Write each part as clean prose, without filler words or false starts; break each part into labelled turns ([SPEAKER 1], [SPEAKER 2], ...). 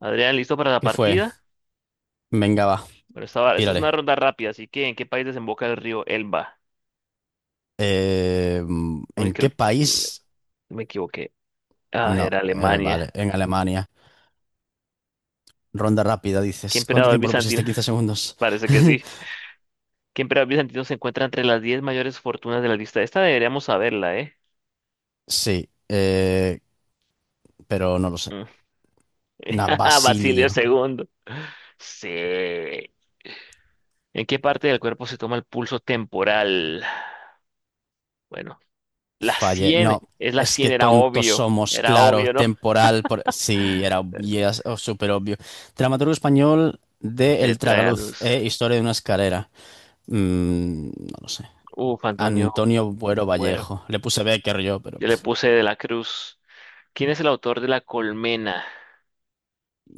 [SPEAKER 1] Adrián, ¿listo para la
[SPEAKER 2] ¿Qué fue?
[SPEAKER 1] partida?
[SPEAKER 2] Venga, va,
[SPEAKER 1] Bueno, esta es una
[SPEAKER 2] tírale.
[SPEAKER 1] ronda rápida, así que ¿en qué país desemboca el río Elba?
[SPEAKER 2] Eh,
[SPEAKER 1] Uy,
[SPEAKER 2] ¿En
[SPEAKER 1] creo
[SPEAKER 2] qué
[SPEAKER 1] que me,
[SPEAKER 2] país?
[SPEAKER 1] me equivoqué. Ah,
[SPEAKER 2] No,
[SPEAKER 1] era
[SPEAKER 2] vale,
[SPEAKER 1] Alemania.
[SPEAKER 2] en Alemania. Ronda rápida,
[SPEAKER 1] ¿Qué
[SPEAKER 2] dices. ¿Cuánto
[SPEAKER 1] emperador
[SPEAKER 2] tiempo lo
[SPEAKER 1] bizantino?
[SPEAKER 2] pusiste? 15 segundos.
[SPEAKER 1] Parece que sí. ¿Qué emperador bizantino se encuentra entre las 10 mayores fortunas de la lista? Esta deberíamos saberla, ¿eh?
[SPEAKER 2] Sí, pero no lo sé.
[SPEAKER 1] Mm.
[SPEAKER 2] Na
[SPEAKER 1] Basilio
[SPEAKER 2] Basilio.
[SPEAKER 1] II. Sí. ¿En qué parte del cuerpo se toma el pulso temporal? Bueno, la
[SPEAKER 2] Fallé.
[SPEAKER 1] sien.
[SPEAKER 2] No,
[SPEAKER 1] Es la
[SPEAKER 2] es que
[SPEAKER 1] sien, era
[SPEAKER 2] tontos
[SPEAKER 1] obvio.
[SPEAKER 2] somos,
[SPEAKER 1] Era
[SPEAKER 2] claro,
[SPEAKER 1] obvio, ¿no?
[SPEAKER 2] temporal. Sí, era yes, oh, súper obvio. Dramaturgo español de
[SPEAKER 1] Te
[SPEAKER 2] El
[SPEAKER 1] trae a
[SPEAKER 2] Tragaluz,
[SPEAKER 1] luz.
[SPEAKER 2] Historia de una escalera. No lo sé.
[SPEAKER 1] Uf, Antonio
[SPEAKER 2] Antonio Buero
[SPEAKER 1] Cuero.
[SPEAKER 2] Vallejo. Le puse Becker yo, pero.
[SPEAKER 1] Yo le puse De la Cruz. ¿Quién es el autor de La Colmena?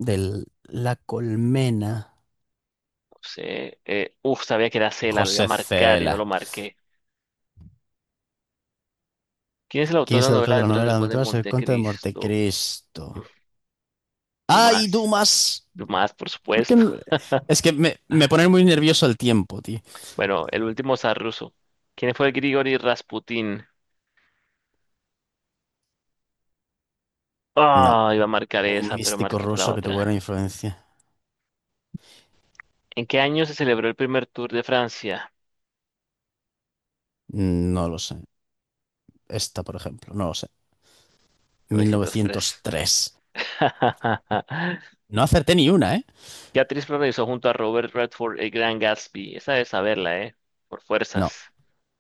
[SPEAKER 2] De La Colmena,
[SPEAKER 1] No sé. Uf, sabía que era Cela, lo iba a
[SPEAKER 2] José
[SPEAKER 1] marcar y no
[SPEAKER 2] Cela.
[SPEAKER 1] lo marqué. ¿Quién es el autor
[SPEAKER 2] ¿Quién
[SPEAKER 1] de
[SPEAKER 2] es
[SPEAKER 1] la
[SPEAKER 2] el
[SPEAKER 1] novela
[SPEAKER 2] autor de la
[SPEAKER 1] Aventuras
[SPEAKER 2] novela
[SPEAKER 1] del
[SPEAKER 2] de
[SPEAKER 1] Conde de
[SPEAKER 2] Aventuras? El Conte de
[SPEAKER 1] Montecristo?
[SPEAKER 2] Montecristo. ¡Ay,
[SPEAKER 1] Dumas.
[SPEAKER 2] Dumas!
[SPEAKER 1] Dumas, por
[SPEAKER 2] ¿Por qué
[SPEAKER 1] supuesto.
[SPEAKER 2] no? Es que me pone muy nervioso el tiempo, tío.
[SPEAKER 1] Bueno, el último zar ruso. ¿Quién fue Grigori Rasputin?
[SPEAKER 2] No,
[SPEAKER 1] Ah, iba a marcar
[SPEAKER 2] un
[SPEAKER 1] esa, pero
[SPEAKER 2] místico
[SPEAKER 1] marqué por la
[SPEAKER 2] ruso que tuvo
[SPEAKER 1] otra.
[SPEAKER 2] gran influencia.
[SPEAKER 1] ¿En qué año se celebró el primer Tour de Francia?
[SPEAKER 2] No lo sé. Esta, por ejemplo, no lo sé.
[SPEAKER 1] 903.
[SPEAKER 2] 1903. No acerté ni una, ¿eh?
[SPEAKER 1] ¿Qué actriz protagonizó junto a Robert Redford el Gran Gatsby? Esa debe saberla, ¿eh? Por
[SPEAKER 2] No,
[SPEAKER 1] fuerzas.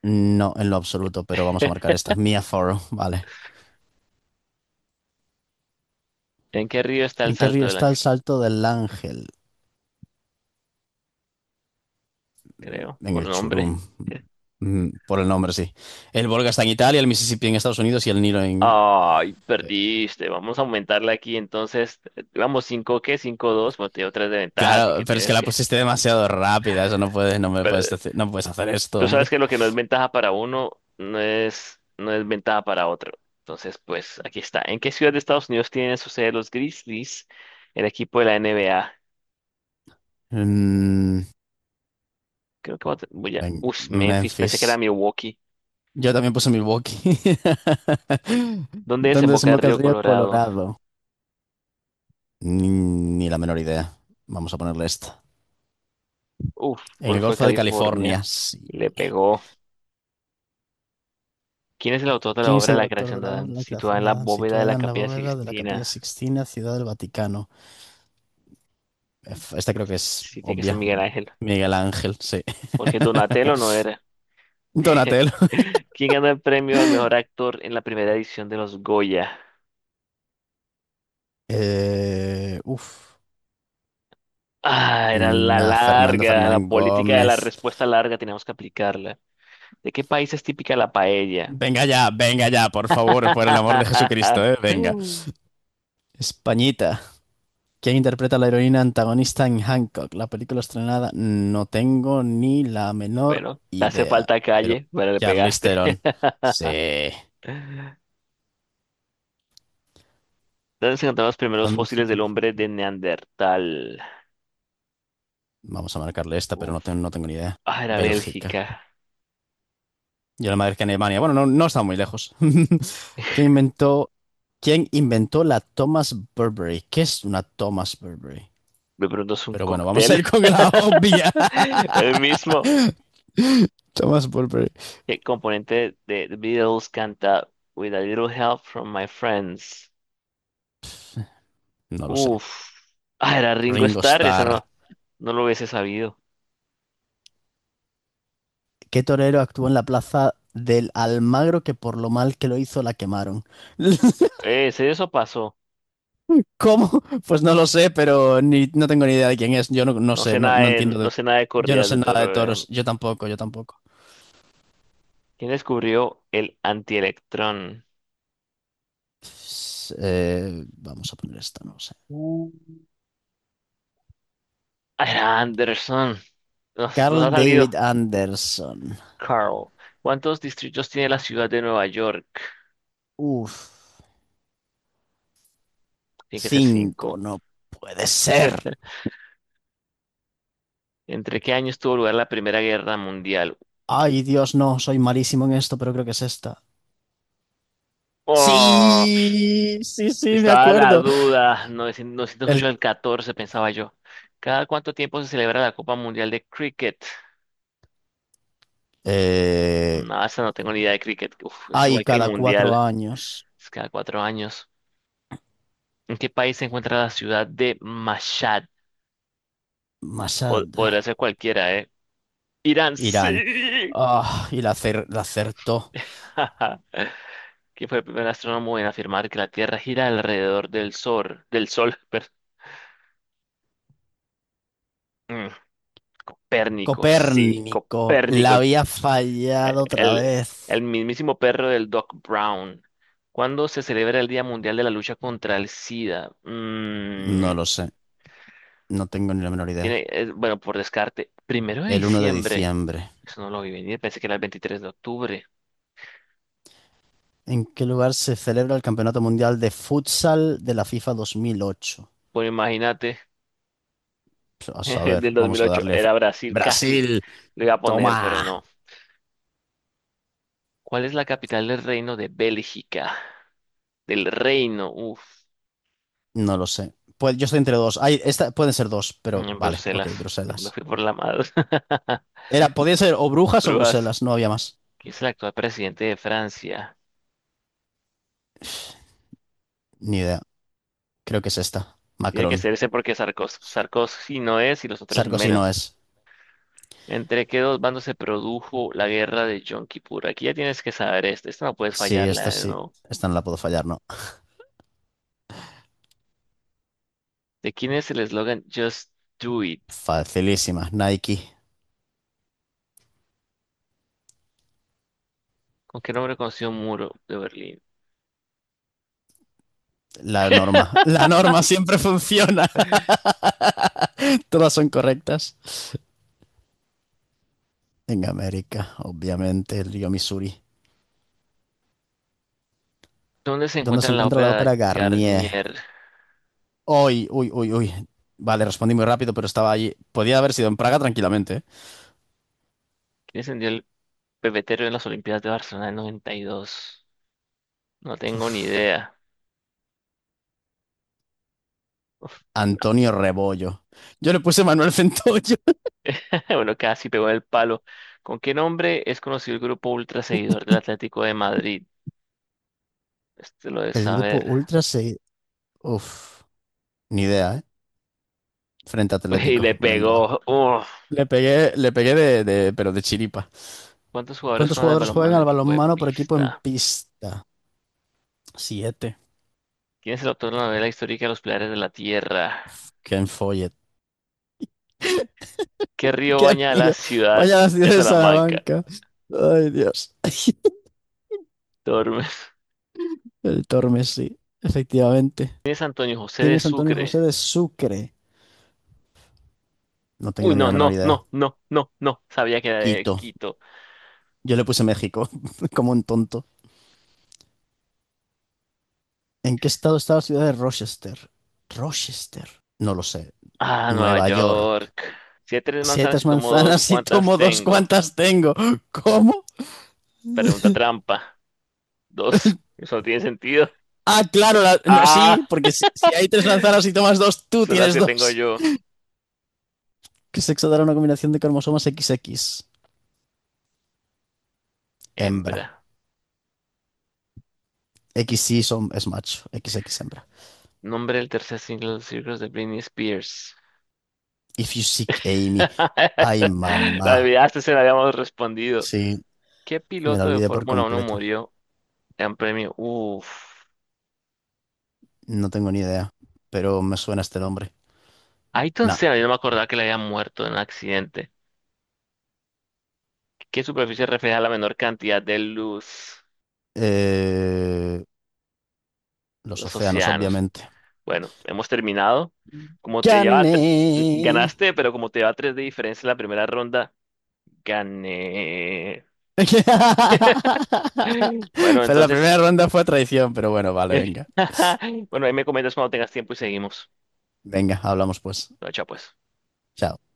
[SPEAKER 2] no en lo absoluto, pero vamos a marcar esta. Mia Farrow, vale.
[SPEAKER 1] ¿En qué río está el
[SPEAKER 2] ¿En qué
[SPEAKER 1] Salto
[SPEAKER 2] río
[SPEAKER 1] del
[SPEAKER 2] está el
[SPEAKER 1] Ángel?
[SPEAKER 2] Salto del Ángel?
[SPEAKER 1] Creo,
[SPEAKER 2] En
[SPEAKER 1] por
[SPEAKER 2] el
[SPEAKER 1] nombre.
[SPEAKER 2] Churum. Por el nombre, sí. El Volga está en Italia, el Mississippi en Estados Unidos y el Nilo en...
[SPEAKER 1] Ay, perdiste. Vamos a aumentarla aquí. Entonces, vamos, 5 ¿qué? Cinco dos. Bueno, tengo 3 de ventaja, así
[SPEAKER 2] Claro,
[SPEAKER 1] que
[SPEAKER 2] pero es que
[SPEAKER 1] tienes
[SPEAKER 2] la
[SPEAKER 1] que.
[SPEAKER 2] pusiste demasiado rápida. Eso no puedes, no me puedes
[SPEAKER 1] Pero,
[SPEAKER 2] decir- no puedes hacer esto,
[SPEAKER 1] tú sabes
[SPEAKER 2] hombre.
[SPEAKER 1] que lo que no es ventaja para uno, no es ventaja para otro. Entonces, pues aquí está. ¿En qué ciudad de Estados Unidos tienen su sede los Grizzlies, el equipo de la NBA?
[SPEAKER 2] Mm,
[SPEAKER 1] Creo que voy a.
[SPEAKER 2] Ven,
[SPEAKER 1] Uf, Memphis, pensé que era
[SPEAKER 2] Memphis.
[SPEAKER 1] Milwaukee.
[SPEAKER 2] Yo también puse Milwaukee.
[SPEAKER 1] ¿Dónde
[SPEAKER 2] ¿Dónde
[SPEAKER 1] desemboca el
[SPEAKER 2] desemboca el
[SPEAKER 1] río
[SPEAKER 2] río
[SPEAKER 1] Colorado?
[SPEAKER 2] Colorado? Ni la menor idea. Vamos a ponerle esta.
[SPEAKER 1] Uf,
[SPEAKER 2] En el
[SPEAKER 1] Golfo de
[SPEAKER 2] Golfo de
[SPEAKER 1] California.
[SPEAKER 2] California, sí.
[SPEAKER 1] Le pegó. ¿Quién es el autor de la
[SPEAKER 2] ¿Quién es
[SPEAKER 1] obra
[SPEAKER 2] el
[SPEAKER 1] La
[SPEAKER 2] autor
[SPEAKER 1] creación
[SPEAKER 2] de
[SPEAKER 1] de
[SPEAKER 2] la obra
[SPEAKER 1] Adán,
[SPEAKER 2] La
[SPEAKER 1] situada
[SPEAKER 2] creación
[SPEAKER 1] en
[SPEAKER 2] de
[SPEAKER 1] la
[SPEAKER 2] Adán,
[SPEAKER 1] bóveda de la
[SPEAKER 2] situada en la
[SPEAKER 1] Capilla
[SPEAKER 2] bóveda de la Capilla
[SPEAKER 1] Sixtina?
[SPEAKER 2] Sixtina, Ciudad del Vaticano? Esta creo que es
[SPEAKER 1] Sí, tiene que ser
[SPEAKER 2] obvia.
[SPEAKER 1] Miguel Ángel,
[SPEAKER 2] Miguel Ángel, sí.
[SPEAKER 1] porque Donatello no era.
[SPEAKER 2] Donatello.
[SPEAKER 1] ¿Quién ganó el premio al mejor actor en la primera edición de los Goya?
[SPEAKER 2] Uf.
[SPEAKER 1] Ah, era la
[SPEAKER 2] Nah, Fernando
[SPEAKER 1] larga, la
[SPEAKER 2] Fernán
[SPEAKER 1] política de la
[SPEAKER 2] Gómez.
[SPEAKER 1] respuesta larga, teníamos que aplicarla. ¿De qué país es típica la paella?
[SPEAKER 2] Venga ya, por favor, por el amor de Jesucristo, venga. Españita. ¿Quién interpreta a la heroína antagonista en Hancock? La película estrenada. No tengo ni la menor
[SPEAKER 1] Bueno, te hace
[SPEAKER 2] idea.
[SPEAKER 1] falta
[SPEAKER 2] Pero
[SPEAKER 1] calle, pero le
[SPEAKER 2] Charlize
[SPEAKER 1] pegaste.
[SPEAKER 2] Theron. Sí.
[SPEAKER 1] ¿Dónde se encontraron los primeros
[SPEAKER 2] ¿Dónde-
[SPEAKER 1] fósiles del hombre de Neandertal?
[SPEAKER 2] Vamos a marcarle esta, pero no,
[SPEAKER 1] Uf.
[SPEAKER 2] no tengo ni idea.
[SPEAKER 1] Ah, era
[SPEAKER 2] Bélgica.
[SPEAKER 1] Bélgica.
[SPEAKER 2] Yo la madre que en Alemania. Bueno, no, no está muy lejos. ¿Quién inventó, quién inventó la Thomas Burberry? ¿Qué es una Thomas Burberry?
[SPEAKER 1] Me pregunto, ¿es un
[SPEAKER 2] Pero bueno, vamos a
[SPEAKER 1] cóctel?
[SPEAKER 2] ir con la obvia.
[SPEAKER 1] El mismo.
[SPEAKER 2] Thomas Burberry.
[SPEAKER 1] ¿Qué componente de The Beatles canta With a Little Help from My Friends?
[SPEAKER 2] No lo sé.
[SPEAKER 1] Uf. Ah, era Ringo
[SPEAKER 2] Ringo
[SPEAKER 1] Starr. Esa
[SPEAKER 2] Starr.
[SPEAKER 1] no, no lo hubiese sabido.
[SPEAKER 2] ¿Qué torero actuó en la plaza del Almagro que por lo mal que lo hizo la quemaron?
[SPEAKER 1] ¿Sí eso pasó?
[SPEAKER 2] ¿Cómo? Pues no lo sé, pero ni, no tengo ni idea de quién es. Yo no, no
[SPEAKER 1] No sé
[SPEAKER 2] sé, no,
[SPEAKER 1] nada
[SPEAKER 2] no
[SPEAKER 1] de,
[SPEAKER 2] entiendo
[SPEAKER 1] no
[SPEAKER 2] de...
[SPEAKER 1] sé nada de
[SPEAKER 2] Yo no
[SPEAKER 1] corridas
[SPEAKER 2] sé
[SPEAKER 1] de
[SPEAKER 2] nada de
[SPEAKER 1] toro.
[SPEAKER 2] toros. Yo tampoco, yo tampoco.
[SPEAKER 1] ¿Quién descubrió el antielectrón?
[SPEAKER 2] Pues, vamos a poner esta, no sé.
[SPEAKER 1] Uh. Ah, era Anderson. Nos ha
[SPEAKER 2] Carl David
[SPEAKER 1] salido
[SPEAKER 2] Anderson.
[SPEAKER 1] Carl. ¿Cuántos distritos tiene la ciudad de Nueva York?
[SPEAKER 2] Uf.
[SPEAKER 1] Tiene que ser
[SPEAKER 2] Cinco,
[SPEAKER 1] cinco.
[SPEAKER 2] no puede ser.
[SPEAKER 1] ¿Entre qué años tuvo lugar la Primera Guerra Mundial?
[SPEAKER 2] Ay, Dios, no, soy malísimo en esto, pero creo que es esta.
[SPEAKER 1] Oh,
[SPEAKER 2] Sí, sí, sí, me
[SPEAKER 1] estaba la
[SPEAKER 2] acuerdo.
[SPEAKER 1] duda. 908
[SPEAKER 2] El,
[SPEAKER 1] al 14, pensaba yo. ¿Cada cuánto tiempo se celebra la Copa Mundial de Cricket?
[SPEAKER 2] eh,
[SPEAKER 1] No, esa no tengo ni idea de cricket. Uf, es
[SPEAKER 2] Ay,
[SPEAKER 1] igual que el
[SPEAKER 2] cada cuatro
[SPEAKER 1] Mundial.
[SPEAKER 2] años.
[SPEAKER 1] Es cada 4 años. ¿En qué país se encuentra la ciudad de Mashhad? Po-
[SPEAKER 2] Masad,
[SPEAKER 1] podría ser cualquiera, ¿eh? Irán,
[SPEAKER 2] Irán.
[SPEAKER 1] sí.
[SPEAKER 2] Ah, y la acertó.
[SPEAKER 1] ¿Quién fue el primer astrónomo en afirmar que la Tierra gira alrededor del Sol? Del Sol, perdón. Copérnico, sí,
[SPEAKER 2] Copérnico,
[SPEAKER 1] Copérnico,
[SPEAKER 2] la
[SPEAKER 1] el,
[SPEAKER 2] había fallado otra
[SPEAKER 1] el, el
[SPEAKER 2] vez.
[SPEAKER 1] mismísimo perro del Doc Brown. ¿Cuándo se celebra el Día Mundial de la Lucha contra el SIDA? Mm,
[SPEAKER 2] No lo sé, no tengo ni la menor idea.
[SPEAKER 1] tiene, bueno, por descarte, primero de
[SPEAKER 2] El 1 de
[SPEAKER 1] diciembre.
[SPEAKER 2] diciembre.
[SPEAKER 1] Eso no lo vi venir, pensé que era el 23 de octubre.
[SPEAKER 2] ¿En qué lugar se celebra el Campeonato Mundial de Futsal de la FIFA 2008?
[SPEAKER 1] Bueno, imagínate,
[SPEAKER 2] Pues, a saber,
[SPEAKER 1] del dos mil
[SPEAKER 2] vamos a
[SPEAKER 1] ocho
[SPEAKER 2] darle.
[SPEAKER 1] era Brasil, casi
[SPEAKER 2] Brasil,
[SPEAKER 1] le iba a poner, pero no.
[SPEAKER 2] toma.
[SPEAKER 1] ¿Cuál es la capital del reino de Bélgica? Del reino, uff.
[SPEAKER 2] No lo sé. Pues yo estoy entre dos. Ay, esta, pueden ser dos, pero
[SPEAKER 1] En
[SPEAKER 2] vale, ok,
[SPEAKER 1] Bruselas, me
[SPEAKER 2] Bruselas.
[SPEAKER 1] fui por la madre.
[SPEAKER 2] Podía ser o Brujas o
[SPEAKER 1] Brujas,
[SPEAKER 2] Bruselas, no había más.
[SPEAKER 1] que es el actual presidente de Francia.
[SPEAKER 2] Ni idea. Creo que es esta.
[SPEAKER 1] Tiene que
[SPEAKER 2] Macron.
[SPEAKER 1] ser ese porque Sarkozy,
[SPEAKER 2] Sí.
[SPEAKER 1] Sarkozy no es y los otros
[SPEAKER 2] Sarkozy no
[SPEAKER 1] menos.
[SPEAKER 2] es.
[SPEAKER 1] ¿Entre qué dos bandos se produjo la guerra de Yom Kippur? Aquí ya tienes que saber esto. Esta no puedes fallarla de
[SPEAKER 2] Sí.
[SPEAKER 1] nuevo.
[SPEAKER 2] Esta no la puedo fallar, no.
[SPEAKER 1] ¿De quién es el eslogan Just Do It?
[SPEAKER 2] Facilísima. Nike.
[SPEAKER 1] ¿Con qué nombre conoció un muro de Berlín?
[SPEAKER 2] La norma. La norma siempre funciona. Todas son correctas. En América, obviamente, el río Missouri.
[SPEAKER 1] ¿Dónde se
[SPEAKER 2] ¿Dónde
[SPEAKER 1] encuentra
[SPEAKER 2] se
[SPEAKER 1] la
[SPEAKER 2] encuentra la
[SPEAKER 1] ópera de
[SPEAKER 2] ópera Garnier?
[SPEAKER 1] Garnier?
[SPEAKER 2] Uy, uy, uy, uy. Vale, respondí muy rápido, pero estaba allí. Podía haber sido en Praga tranquilamente. ¿Eh?
[SPEAKER 1] ¿Quién encendió el pebetero en las Olimpiadas de Barcelona en 92? No tengo ni idea. Uf.
[SPEAKER 2] Antonio Rebollo. Yo le puse Manuel Centollo.
[SPEAKER 1] Bueno, casi pegó en el palo. ¿Con qué nombre es conocido el grupo ultra seguidor del Atlético de Madrid? Este lo de
[SPEAKER 2] El grupo
[SPEAKER 1] saber.
[SPEAKER 2] Ultra se... Uf, ni idea, ¿eh? Frente
[SPEAKER 1] Y le
[SPEAKER 2] Atlético. Venga, va.
[SPEAKER 1] pegó. Uf.
[SPEAKER 2] Le pegué pero de chiripa.
[SPEAKER 1] ¿Cuántos jugadores
[SPEAKER 2] ¿Cuántos
[SPEAKER 1] juegan al
[SPEAKER 2] jugadores juegan
[SPEAKER 1] balonmano en
[SPEAKER 2] al
[SPEAKER 1] equipo de
[SPEAKER 2] balonmano por equipo en
[SPEAKER 1] pista?
[SPEAKER 2] pista? Siete.
[SPEAKER 1] ¿Quién es el autor de la novela histórica Los Pilares de la Tierra?
[SPEAKER 2] Qué enfolle.
[SPEAKER 1] ¿Qué río
[SPEAKER 2] Qué
[SPEAKER 1] baña la
[SPEAKER 2] río.
[SPEAKER 1] ciudad
[SPEAKER 2] Vaya la ciudad
[SPEAKER 1] de
[SPEAKER 2] de
[SPEAKER 1] Salamanca?
[SPEAKER 2] Salamanca. Ay, Dios.
[SPEAKER 1] Tormes.
[SPEAKER 2] El Tormes, sí, efectivamente.
[SPEAKER 1] ¿Quién es Antonio José
[SPEAKER 2] ¿Quién
[SPEAKER 1] de
[SPEAKER 2] es Antonio
[SPEAKER 1] Sucre?
[SPEAKER 2] José de Sucre? No
[SPEAKER 1] Uy,
[SPEAKER 2] tengo ni la
[SPEAKER 1] no,
[SPEAKER 2] menor
[SPEAKER 1] no,
[SPEAKER 2] idea.
[SPEAKER 1] no, no, no, no. Sabía que era de
[SPEAKER 2] Quito.
[SPEAKER 1] Quito.
[SPEAKER 2] Yo le puse México, como un tonto. ¿En qué estado está la ciudad de Rochester? Rochester. No lo sé.
[SPEAKER 1] Ah, Nueva
[SPEAKER 2] Nueva York.
[SPEAKER 1] York. Si hay tres
[SPEAKER 2] Siete
[SPEAKER 1] manzanas y tomo dos,
[SPEAKER 2] manzanas y
[SPEAKER 1] ¿cuántas
[SPEAKER 2] tomo dos,
[SPEAKER 1] tengo?
[SPEAKER 2] ¿cuántas tengo? ¿Cómo?
[SPEAKER 1] Pregunta trampa. Dos. Eso no tiene sentido.
[SPEAKER 2] Ah, claro, no,
[SPEAKER 1] Ah,
[SPEAKER 2] sí, porque si, si hay tres manzanas y tomas dos, tú
[SPEAKER 1] son las
[SPEAKER 2] tienes
[SPEAKER 1] que tengo
[SPEAKER 2] dos.
[SPEAKER 1] yo.
[SPEAKER 2] ¿Qué sexo dará una combinación de cromosomas XX? Hembra.
[SPEAKER 1] Hembra.
[SPEAKER 2] Equis y son, es macho, XX hembra.
[SPEAKER 1] Nombre del tercer single de los Circus de Britney Spears.
[SPEAKER 2] If you seek Amy. Ay,
[SPEAKER 1] La
[SPEAKER 2] mamá.
[SPEAKER 1] olvidaste, se la habíamos respondido.
[SPEAKER 2] Sí,
[SPEAKER 1] ¿Qué
[SPEAKER 2] me la
[SPEAKER 1] piloto de
[SPEAKER 2] olvidé por
[SPEAKER 1] Fórmula Uno
[SPEAKER 2] completo.
[SPEAKER 1] murió en premio? Uf.
[SPEAKER 2] No tengo ni idea, pero me suena este nombre.
[SPEAKER 1] Ayrton
[SPEAKER 2] Nah.
[SPEAKER 1] Senna, yo no me acordaba que le había muerto en un accidente. ¿Qué superficie refleja la menor cantidad de luz?
[SPEAKER 2] eh, los
[SPEAKER 1] Los
[SPEAKER 2] océanos,
[SPEAKER 1] océanos.
[SPEAKER 2] obviamente.
[SPEAKER 1] Bueno, hemos terminado. Como te lleva, tre-
[SPEAKER 2] ¡Gané!
[SPEAKER 1] ganaste, pero como te lleva tres de diferencia en la primera ronda. Gané. Bueno,
[SPEAKER 2] Pero la
[SPEAKER 1] entonces,
[SPEAKER 2] primera ronda fue traición, pero bueno, vale, venga.
[SPEAKER 1] bueno, ahí me comentas cuando tengas tiempo y seguimos.
[SPEAKER 2] Venga, hablamos pues.
[SPEAKER 1] Chao, pues.
[SPEAKER 2] Chao.